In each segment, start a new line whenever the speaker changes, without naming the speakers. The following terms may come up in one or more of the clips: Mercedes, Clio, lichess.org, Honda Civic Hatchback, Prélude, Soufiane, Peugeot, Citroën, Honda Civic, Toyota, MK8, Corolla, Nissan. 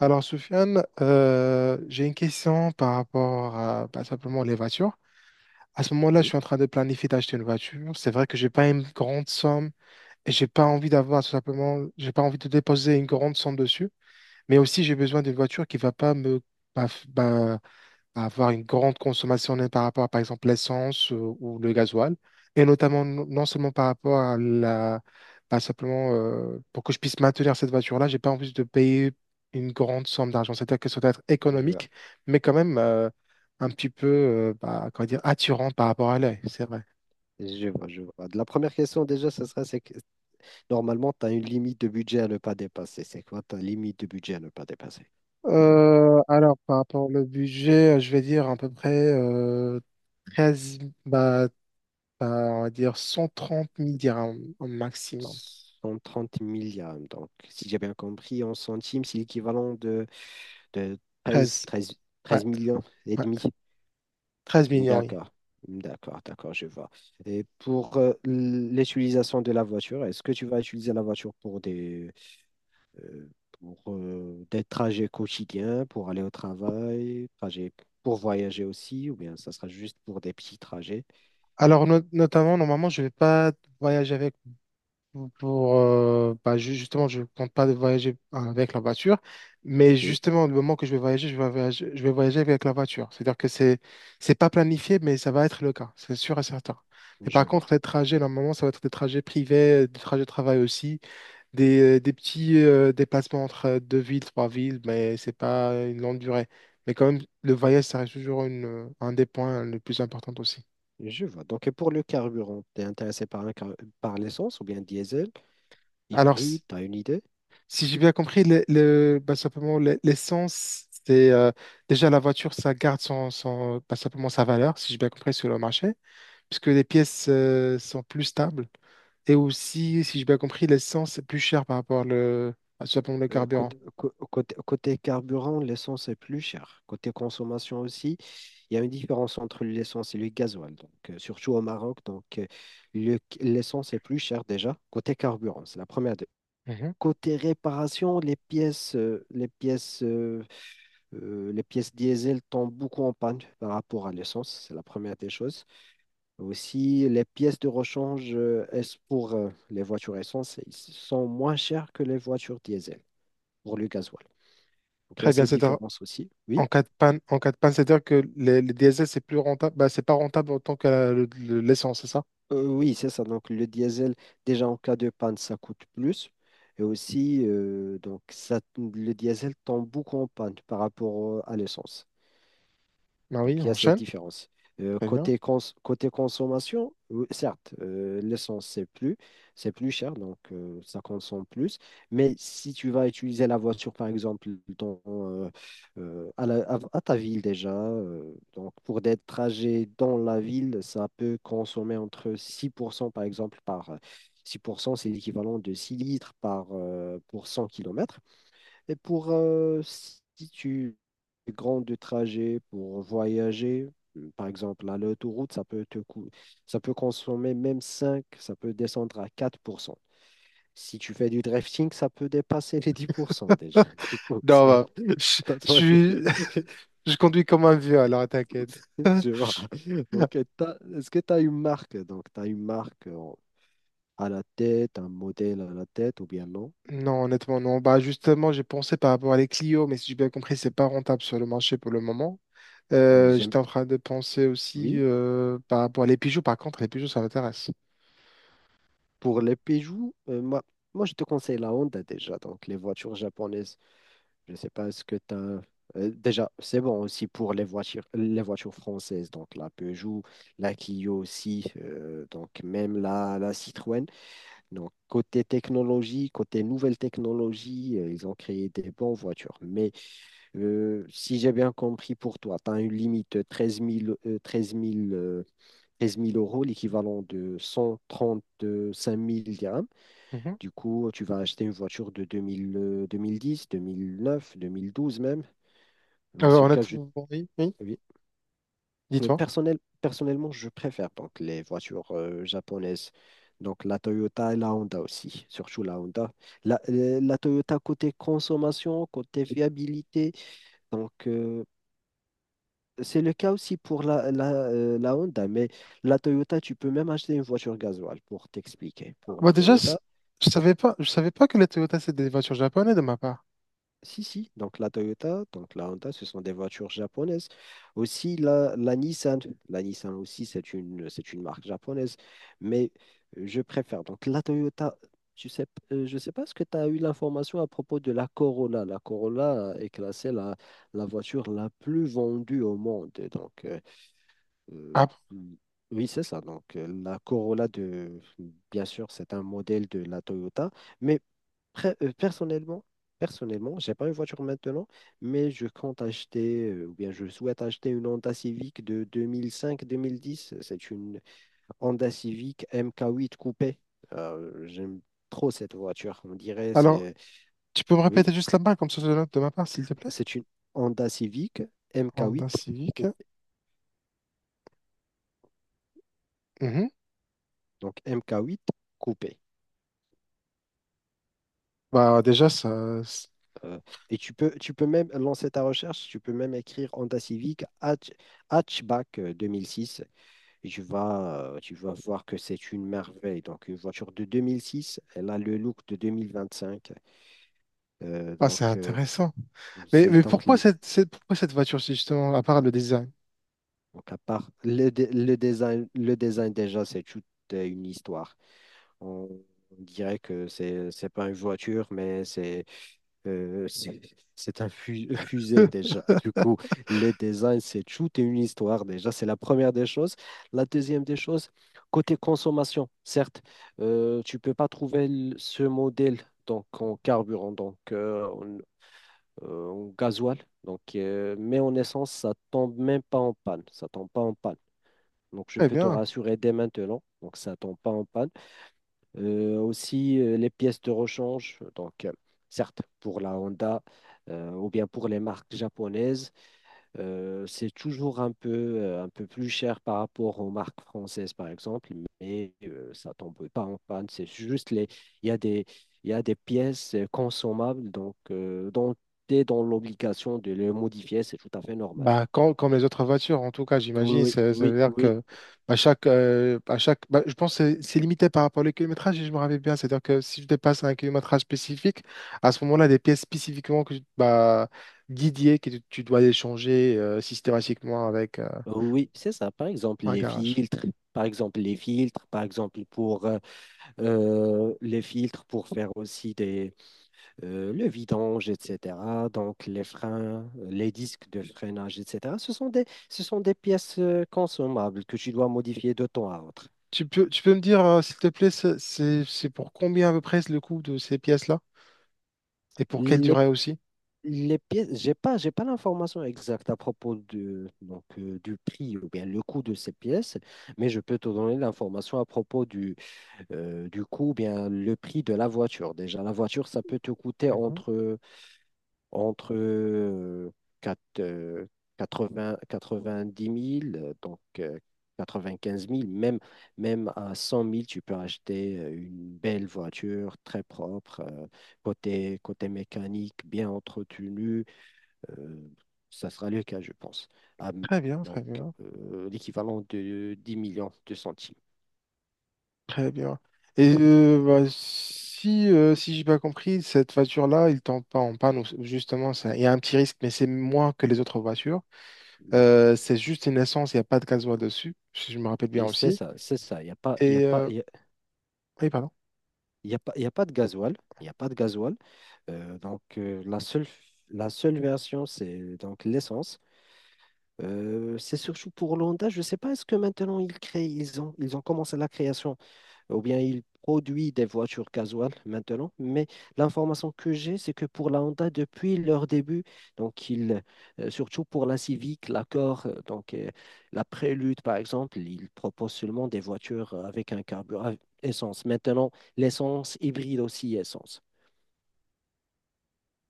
Alors, Soufiane, j'ai une question par rapport à bah, simplement les voitures. À ce moment-là, je
Oui,
suis en train de planifier d'acheter une voiture. C'est vrai que j'ai pas une grande somme et j'ai pas envie d'avoir tout simplement, j'ai pas envie de déposer une grande somme dessus. Mais aussi, j'ai besoin d'une voiture qui va pas me, bah, bah, à avoir une grande consommation net par rapport à, par exemple, l'essence ou le gasoil, et notamment non seulement par rapport à la, pas simplement pour que je puisse maintenir cette voiture-là, j'ai pas envie de payer une grande somme d'argent. C'est-à-dire que ça doit être
je vois.
économique, mais quand même un petit peu, bah, comment dire, attirant par rapport à l'œil, c'est vrai.
Je vois, je vois. La première question déjà, ce serait, c'est que normalement, tu as une limite de budget à ne pas dépasser. C'est quoi ta limite de budget à ne pas dépasser?
Alors, par rapport au budget, je vais dire à peu près 13, bah, on va dire 130 000 dirhams au maximum.
130 milliards. Donc, si j'ai bien compris, en centimes, c'est l'équivalent de 13,
13,
13,
ouais,
13 millions et demi.
13 millions, oui.
D'accord, d'accord, d'accord, je vois. Et pour l'utilisation de la voiture, est-ce que tu vas utiliser la voiture pour euh, des trajets quotidiens, pour aller au travail, trajets pour voyager aussi, ou bien ça sera juste pour des petits trajets.
Alors, notamment, normalement, je vais pas voyager avec pour, bah, justement, je compte pas voyager avec la voiture, mais
Oui,
justement, le moment que je vais voyager avec la voiture. C'est-à-dire que c'est pas planifié, mais ça va être le cas, c'est sûr et certain. Mais
je
par contre,
vois.
les trajets, normalement, ça va être des trajets privés, des trajets de travail aussi, des petits déplacements entre deux villes, trois villes, mais c'est pas une longue durée. Mais quand même, le voyage, ça reste toujours une, un des points les plus importants aussi.
Je vois. Donc, et pour le carburant, tu es intéressé par l'essence ou bien diesel,
Alors,
hybride, tu as une idée?
si j'ai bien compris, bah, simplement, l'essence, c'est déjà la voiture, ça garde son, bah, simplement sa valeur, si j'ai bien compris, sur le marché, puisque les pièces sont plus stables. Et aussi, si j'ai bien compris, l'essence est plus chère par rapport le, à simplement le carburant.
Côté carburant, l'essence est plus chère. Côté consommation aussi, il y a une différence entre l'essence et le gasoil, donc, surtout au Maroc. Donc, l'essence est plus chère déjà. Côté carburant, c'est la première.
Mhm.
Côté réparation, les pièces, les pièces, les pièces diesel tombent beaucoup en panne par rapport à l'essence. C'est la première des choses. Aussi, les pièces de rechange, pour les voitures essence, elles sont moins chères que les voitures diesel pour le gasoil. Donc, il y a
Très bien,
cette
c'est
différence aussi. Oui.
en cas de panne, c'est-à-dire que les diesel, c'est plus rentable, bah, c'est pas rentable autant que l'essence, c'est ça?
Oui, c'est ça. Donc, le diesel, déjà en cas de panne, ça coûte plus. Et aussi, donc, ça, le diesel tombe beaucoup en panne par rapport à l'essence.
Bah oui,
Donc,
on
il y a cette
enchaîne,
différence.
très bien.
Côté consommation, oui, certes, l'essence, c'est plus cher, donc ça consomme plus. Mais si tu vas utiliser la voiture, par exemple, dans, à, la- à ta ville déjà, donc pour des trajets dans la ville, ça peut consommer entre 6% par exemple. Par 6% c'est l'équivalent de 6 litres par, pour 100 kilomètres. Et pour si tu fais grand de trajet pour voyager, par exemple, à l'autoroute, ça peut consommer même 5, ça peut descendre à 4%. Si tu fais du drifting, ça peut dépasser les 10% déjà. Du coup,
Non,
c'est
bah, je
c'est à
je
toi.
suis Je conduis comme un vieux, alors t'inquiète.
Je vois. Donc, est-ce que tu as une marque? Donc, tu as une marque à la tête, un modèle à la tête ou bien non?
Non, honnêtement, non. Bah, justement, j'ai pensé par rapport à les Clio, mais si j'ai bien compris, c'est pas rentable sur le marché pour le moment.
Ah,
Euh,
j'aime.
j'étais en train de penser aussi
Oui.
par rapport à les Peugeot. Par contre, les Peugeot, ça m'intéresse.
Pour les Peugeot, moi, je te conseille la Honda déjà, donc les voitures japonaises. Je ne sais pas ce que tu as. Déjà, c'est bon aussi pour les voitures françaises, donc la Peugeot, la Clio aussi, donc même la Citroën. Donc côté technologie, côté nouvelle technologie, ils ont créé des bonnes voitures. Mais si j'ai bien compris pour toi, tu as une limite de 13 000, euh, 13 000, euh, 13 000 euros, l'équivalent de 135 000 dirhams.
Mhm.
Du coup, tu vas acheter une voiture de 2010, 2009, 2012 même.
Euh,
Dans ce cas,
honnêtement, oui, oui.
oui. Mais
Dis-toi.
Personnellement, je préfère donc les voitures japonaises. Donc la Toyota et la Honda aussi, surtout la Honda. La Toyota côté consommation, côté fiabilité. Donc c'est le cas aussi pour la Honda. Mais la Toyota, tu peux même acheter une voiture gasoil pour t'expliquer. Pour
Bah,
la
déjà,
Toyota,
je savais pas que les Toyota, c'est des voitures japonaises de ma part.
si, si. Donc la Toyota, donc la Honda, ce sont des voitures japonaises. Aussi la Nissan. La Nissan aussi, c'est une marque japonaise. Mais je préfère. Donc la Toyota, tu sais, je ne sais pas ce que tu as eu l'information à propos de la Corolla. La Corolla est classée la voiture la plus vendue au monde. Donc euh,
Ah, bon.
oui, c'est ça. Donc la Corolla de, bien sûr, c'est un modèle de la Toyota. Mais Pre- euh, Personnellement, personnellement, j'ai pas une voiture maintenant, mais je compte acheter, ou bien je souhaite acheter une Honda Civic de 2005-2010. C'est une Honda Civic MK8 coupé. J'aime trop cette voiture. On dirait,
Alors,
c'est,
tu peux me
oui,
répéter juste la marque comme ça, je note de ma part, s'il te plaît?
c'est une Honda Civic
Honda
MK8
Civic.
coupé.
Mhm.
Donc MK8 coupé.
Bah, déjà, ça.
Euh, et tu peux même lancer ta recherche, tu peux même écrire Honda Civic Hatchback 2006. Et tu vas voir que c'est une merveille. Donc, une voiture de 2006, elle a le look de 2025. Euh,
Ah,
donc,
c'est
euh,
intéressant. Mais,
c'est
mais
donc,
pourquoi
l-
pourquoi cette voiture, si justement, à part le design?
donc, à part le design déjà, c'est toute une histoire. On, on dirait que c'est pas une voiture, mais c'est... Euh, c'est c'est un fusée déjà. Du coup, le design, c'est tout et une histoire déjà. C'est la première des choses. La deuxième des choses, côté consommation, certes, tu peux pas trouver l- ce modèle donc en carburant, donc en gasoil, donc mais en essence, ça tombe même pas en panne. Ça tombe pas en panne. Donc je
Très
peux te
bien.
rassurer dès maintenant. Donc ça tombe pas en panne. Les pièces de rechange, donc certes pour la Honda ou bien pour les marques japonaises, c'est toujours un peu plus cher par rapport aux marques françaises, par exemple, mais ça tombe pas en panne. Il y a des, il y a des pièces consommables, donc dont tu es dans l'obligation de les modifier, c'est tout à fait normal.
Bah, comme les autres voitures, en tout cas, j'imagine,
Oui,
ça veut
oui,
dire
oui,
que à chaque, bah, je pense que c'est limité par rapport au kilométrage, si je me rappelle bien. C'est-à-dire que si je dépasse un kilométrage spécifique, à ce moment-là, des pièces spécifiquement que, bah, dédiées que tu dois échanger systématiquement avec
oui, c'est ça. Par exemple,
un
les
garage.
filtres, par exemple, les filtres, par exemple, pour les filtres pour faire aussi des, le vidange, etc. Donc les freins, les disques de freinage, etc. Ce sont des pièces consommables que tu dois modifier de temps à autre.
Tu peux me dire, s'il te plaît, c'est pour combien à peu près le coût de ces pièces-là? Et pour quelle
Les,
durée aussi?
les pièces, j'ai pas l'information exacte à propos de, donc, du prix ou bien le coût de ces pièces, mais je peux te donner l'information à propos du coût, bien le prix de la voiture. Déjà, la voiture, ça peut te coûter
Mhm.
entre quatre- euh, quatre 90 000, donc 15 000 même, même à 100 000 tu peux acheter une belle voiture très propre, côté mécanique, bien entretenue. euh, ça sera le cas, je pense. Ah, m-
Très bien, très
donc,
bien,
l'équivalent de 10 millions de centimes.
très bien. Et bah, si j'ai pas compris, cette voiture-là, il tombe pas en panne, justement, il y a un petit risque, mais c'est moins que les autres voitures. C'est juste une essence, il n'y a pas de gasoil dessus, si je me rappelle bien
Et c'est
aussi.
ça, c'est ça. Il n'y a pas, il y a
Et
pas,
euh, Oui, pardon.
il n'y a pas, il y a pas de gasoil. Il y a pas de gasoil. Donc, la seule version, c'est donc l'essence. C'est surtout pour l'Honda. Je ne sais pas, est-ce que maintenant ils ont commencé la création ou bien il produit des voitures casuales maintenant. Mais l'information que j'ai, c'est que pour la Honda, depuis leur début, donc ils surtout pour la Civic, l'Accord, donc la Prélude par exemple, ils proposent seulement des voitures avec un carburant essence. Maintenant, l'essence hybride aussi essence.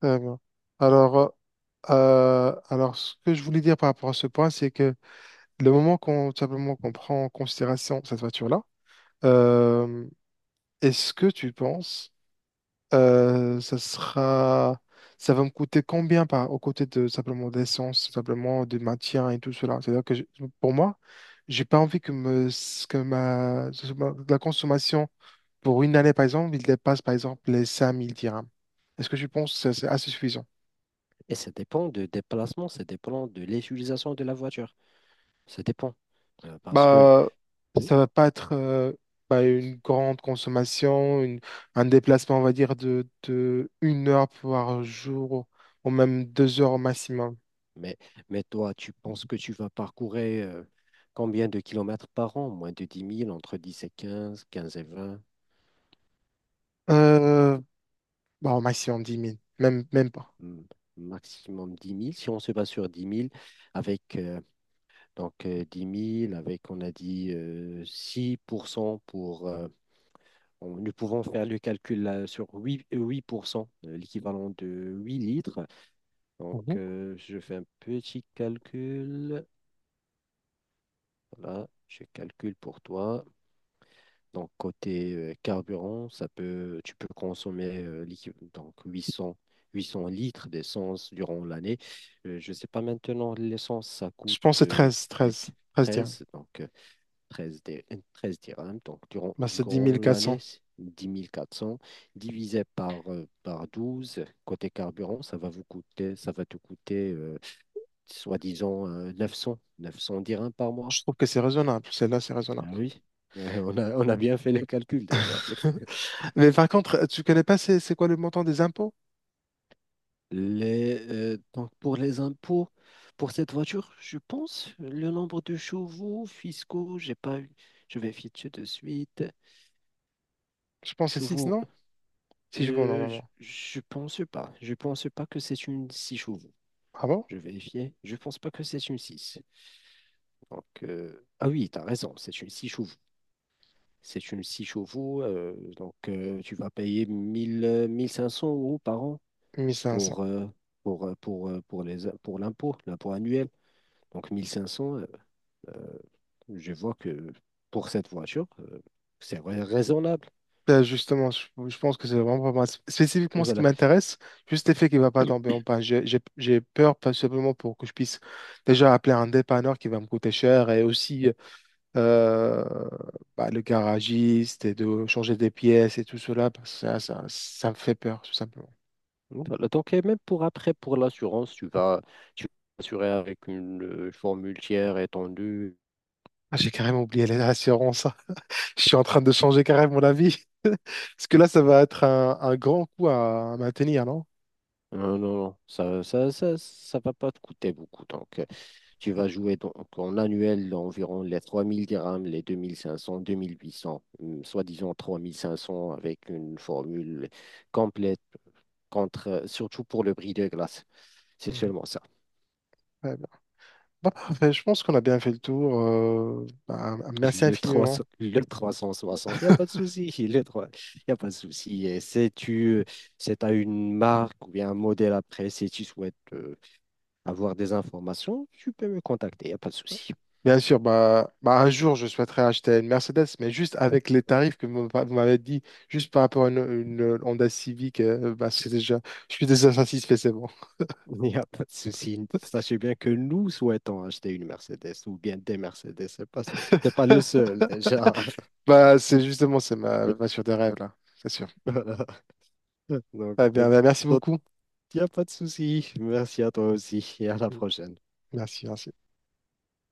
Euh, alors, alors, ce que je voulais dire par rapport à ce point, c'est que le moment qu'on tout simplement qu'on prend en considération cette voiture-là, euh, est-ce que tu penses euh, ça sera, ça va me coûter combien par aux côtés de simplement d'essence, tout simplement de maintien et tout cela? C'est-à-dire que pour moi, j'ai pas envie que me que ma la consommation pour une année par exemple, il dépasse par exemple les 5 000 dirhams. Est-ce que tu penses que c'est assez suffisant?
Et ça dépend de déplacement, ça dépend de l'utilisation de la voiture. Ça dépend. Euh, parce que
Bah,
hmm,
ça va pas être bah, une grande consommation, un déplacement, on va dire, de 1 heure par jour, ou même 2 heures au maximum.
Mais, mais toi, tu penses que tu vas parcourir combien de kilomètres par an? Moins de 10 000, entre 10 et quinze, quinze et vingt.
Euh, Bah, au maximum dix 000, même pas.
Hmm, maximum 10 000. Si on se base sur 10 000 avec donc, 10 000, avec, on a dit, 6% pour... cent pour. Nous pouvons faire le calcul là, sur 8 8%, l'équivalent de 8 litres. Donc,
Mhm.
je fais un petit calcul. Voilà, je calcule pour toi. Donc, côté carburant, tu peux consommer l'équiv- donc huit 800 litres d'essence durant l'année. Je ne sais pas maintenant, l'essence, ça
Je
coûte
pense que c'est
euh, les
treize dire.
treize donc euh, 13, dé- 13 dirhams. Donc,
Bah, c'est dix
durant
mille quatre cents
l'année, c'est 10 400 divisé par, par douze. Côté carburant, ça va te coûter, soi-disant, neuf 900 dirhams par mois.
Je trouve que c'est raisonnable. Celle-là, c'est
Ah,
raisonnable.
ah oui. Oui, ouais, on a bien fait les calculs déjà.
Mais par contre, tu connais pas c'est quoi le montant des impôts?
Donc pour les impôts, pour cette voiture, je pense, le nombre de chevaux fiscaux, j'ai pas eu. Je vais vérifier de suite.
Je pense que c'est 6,
Chevaux,
non? Si je veux, normalement.
je pense pas. Je pense pas que c'est une 6 chevaux.
Ah bon?
Je vais vérifier. Je pense pas que c'est une 6. Donc, ah oui, tu as raison, c'est une 6 chevaux. C'est une 6 chevaux. Tu vas payer 1 500 euros par an
1 500.
pour, pour les, pour l'impôt, l'impôt annuel. Donc 1 500. Euh, je vois que pour cette voiture, raisonnable.
Ben, justement, je pense que c'est vraiment pas mal. Spécifiquement,
Et
ce qui
voilà.
m'intéresse, juste le fait qu'il ne va pas tomber en panne. J'ai peur, pas simplement pour que je puisse déjà appeler un dépanneur qui va me coûter cher et aussi euh, bah, le garagiste et de changer des pièces et tout cela. Parce que ça me fait peur, tout simplement.
Voilà. Donc, et même pour après, pour l'assurance, tu vas assurer avec une formule tiers étendue.
Ah, j'ai carrément oublié les assurances. Je suis en train de changer carrément mon avis. Parce que là, ça va être un grand coup à maintenir, non?
Non, non, non, ça va pas te coûter beaucoup. Donc, tu vas jouer donc en annuel environ les 3 000 dirhams, les 2 500, 2 800, soi-disant 3 500 avec une formule complète contre, surtout pour le bris de glace. C'est
Mhm.
seulement ça.
Ouais, bah, parfait, je pense qu'on a bien fait le tour. Bah, merci
Le
infiniment.
300 le 360, il n'y a pas de souci. Le 3, il a pas de souci. Et si tu c'est à une marque ou bien un modèle après, si tu souhaites avoir des informations, tu peux me contacter. Il n'y a pas de souci.
Bien sûr, bah, un jour, je souhaiterais acheter une Mercedes, mais juste avec les tarifs que vous m'avez dit, juste par rapport à une Honda Civic, bah, je suis déjà satisfait, c'est bon.
Il n'y a pas de souci. Sachez bien que nous souhaitons acheter une Mercedes ou bien des Mercedes. C'est pas, t'es pas le seul déjà.
Bah, c'est justement, c'est ma voiture des rêves, là, c'est sûr.
Voilà. Donc,
Ah
euh,
bien, bah, merci
donc,
beaucoup.
il n'y a pas de souci. Merci à toi aussi et à la prochaine.
Merci, merci.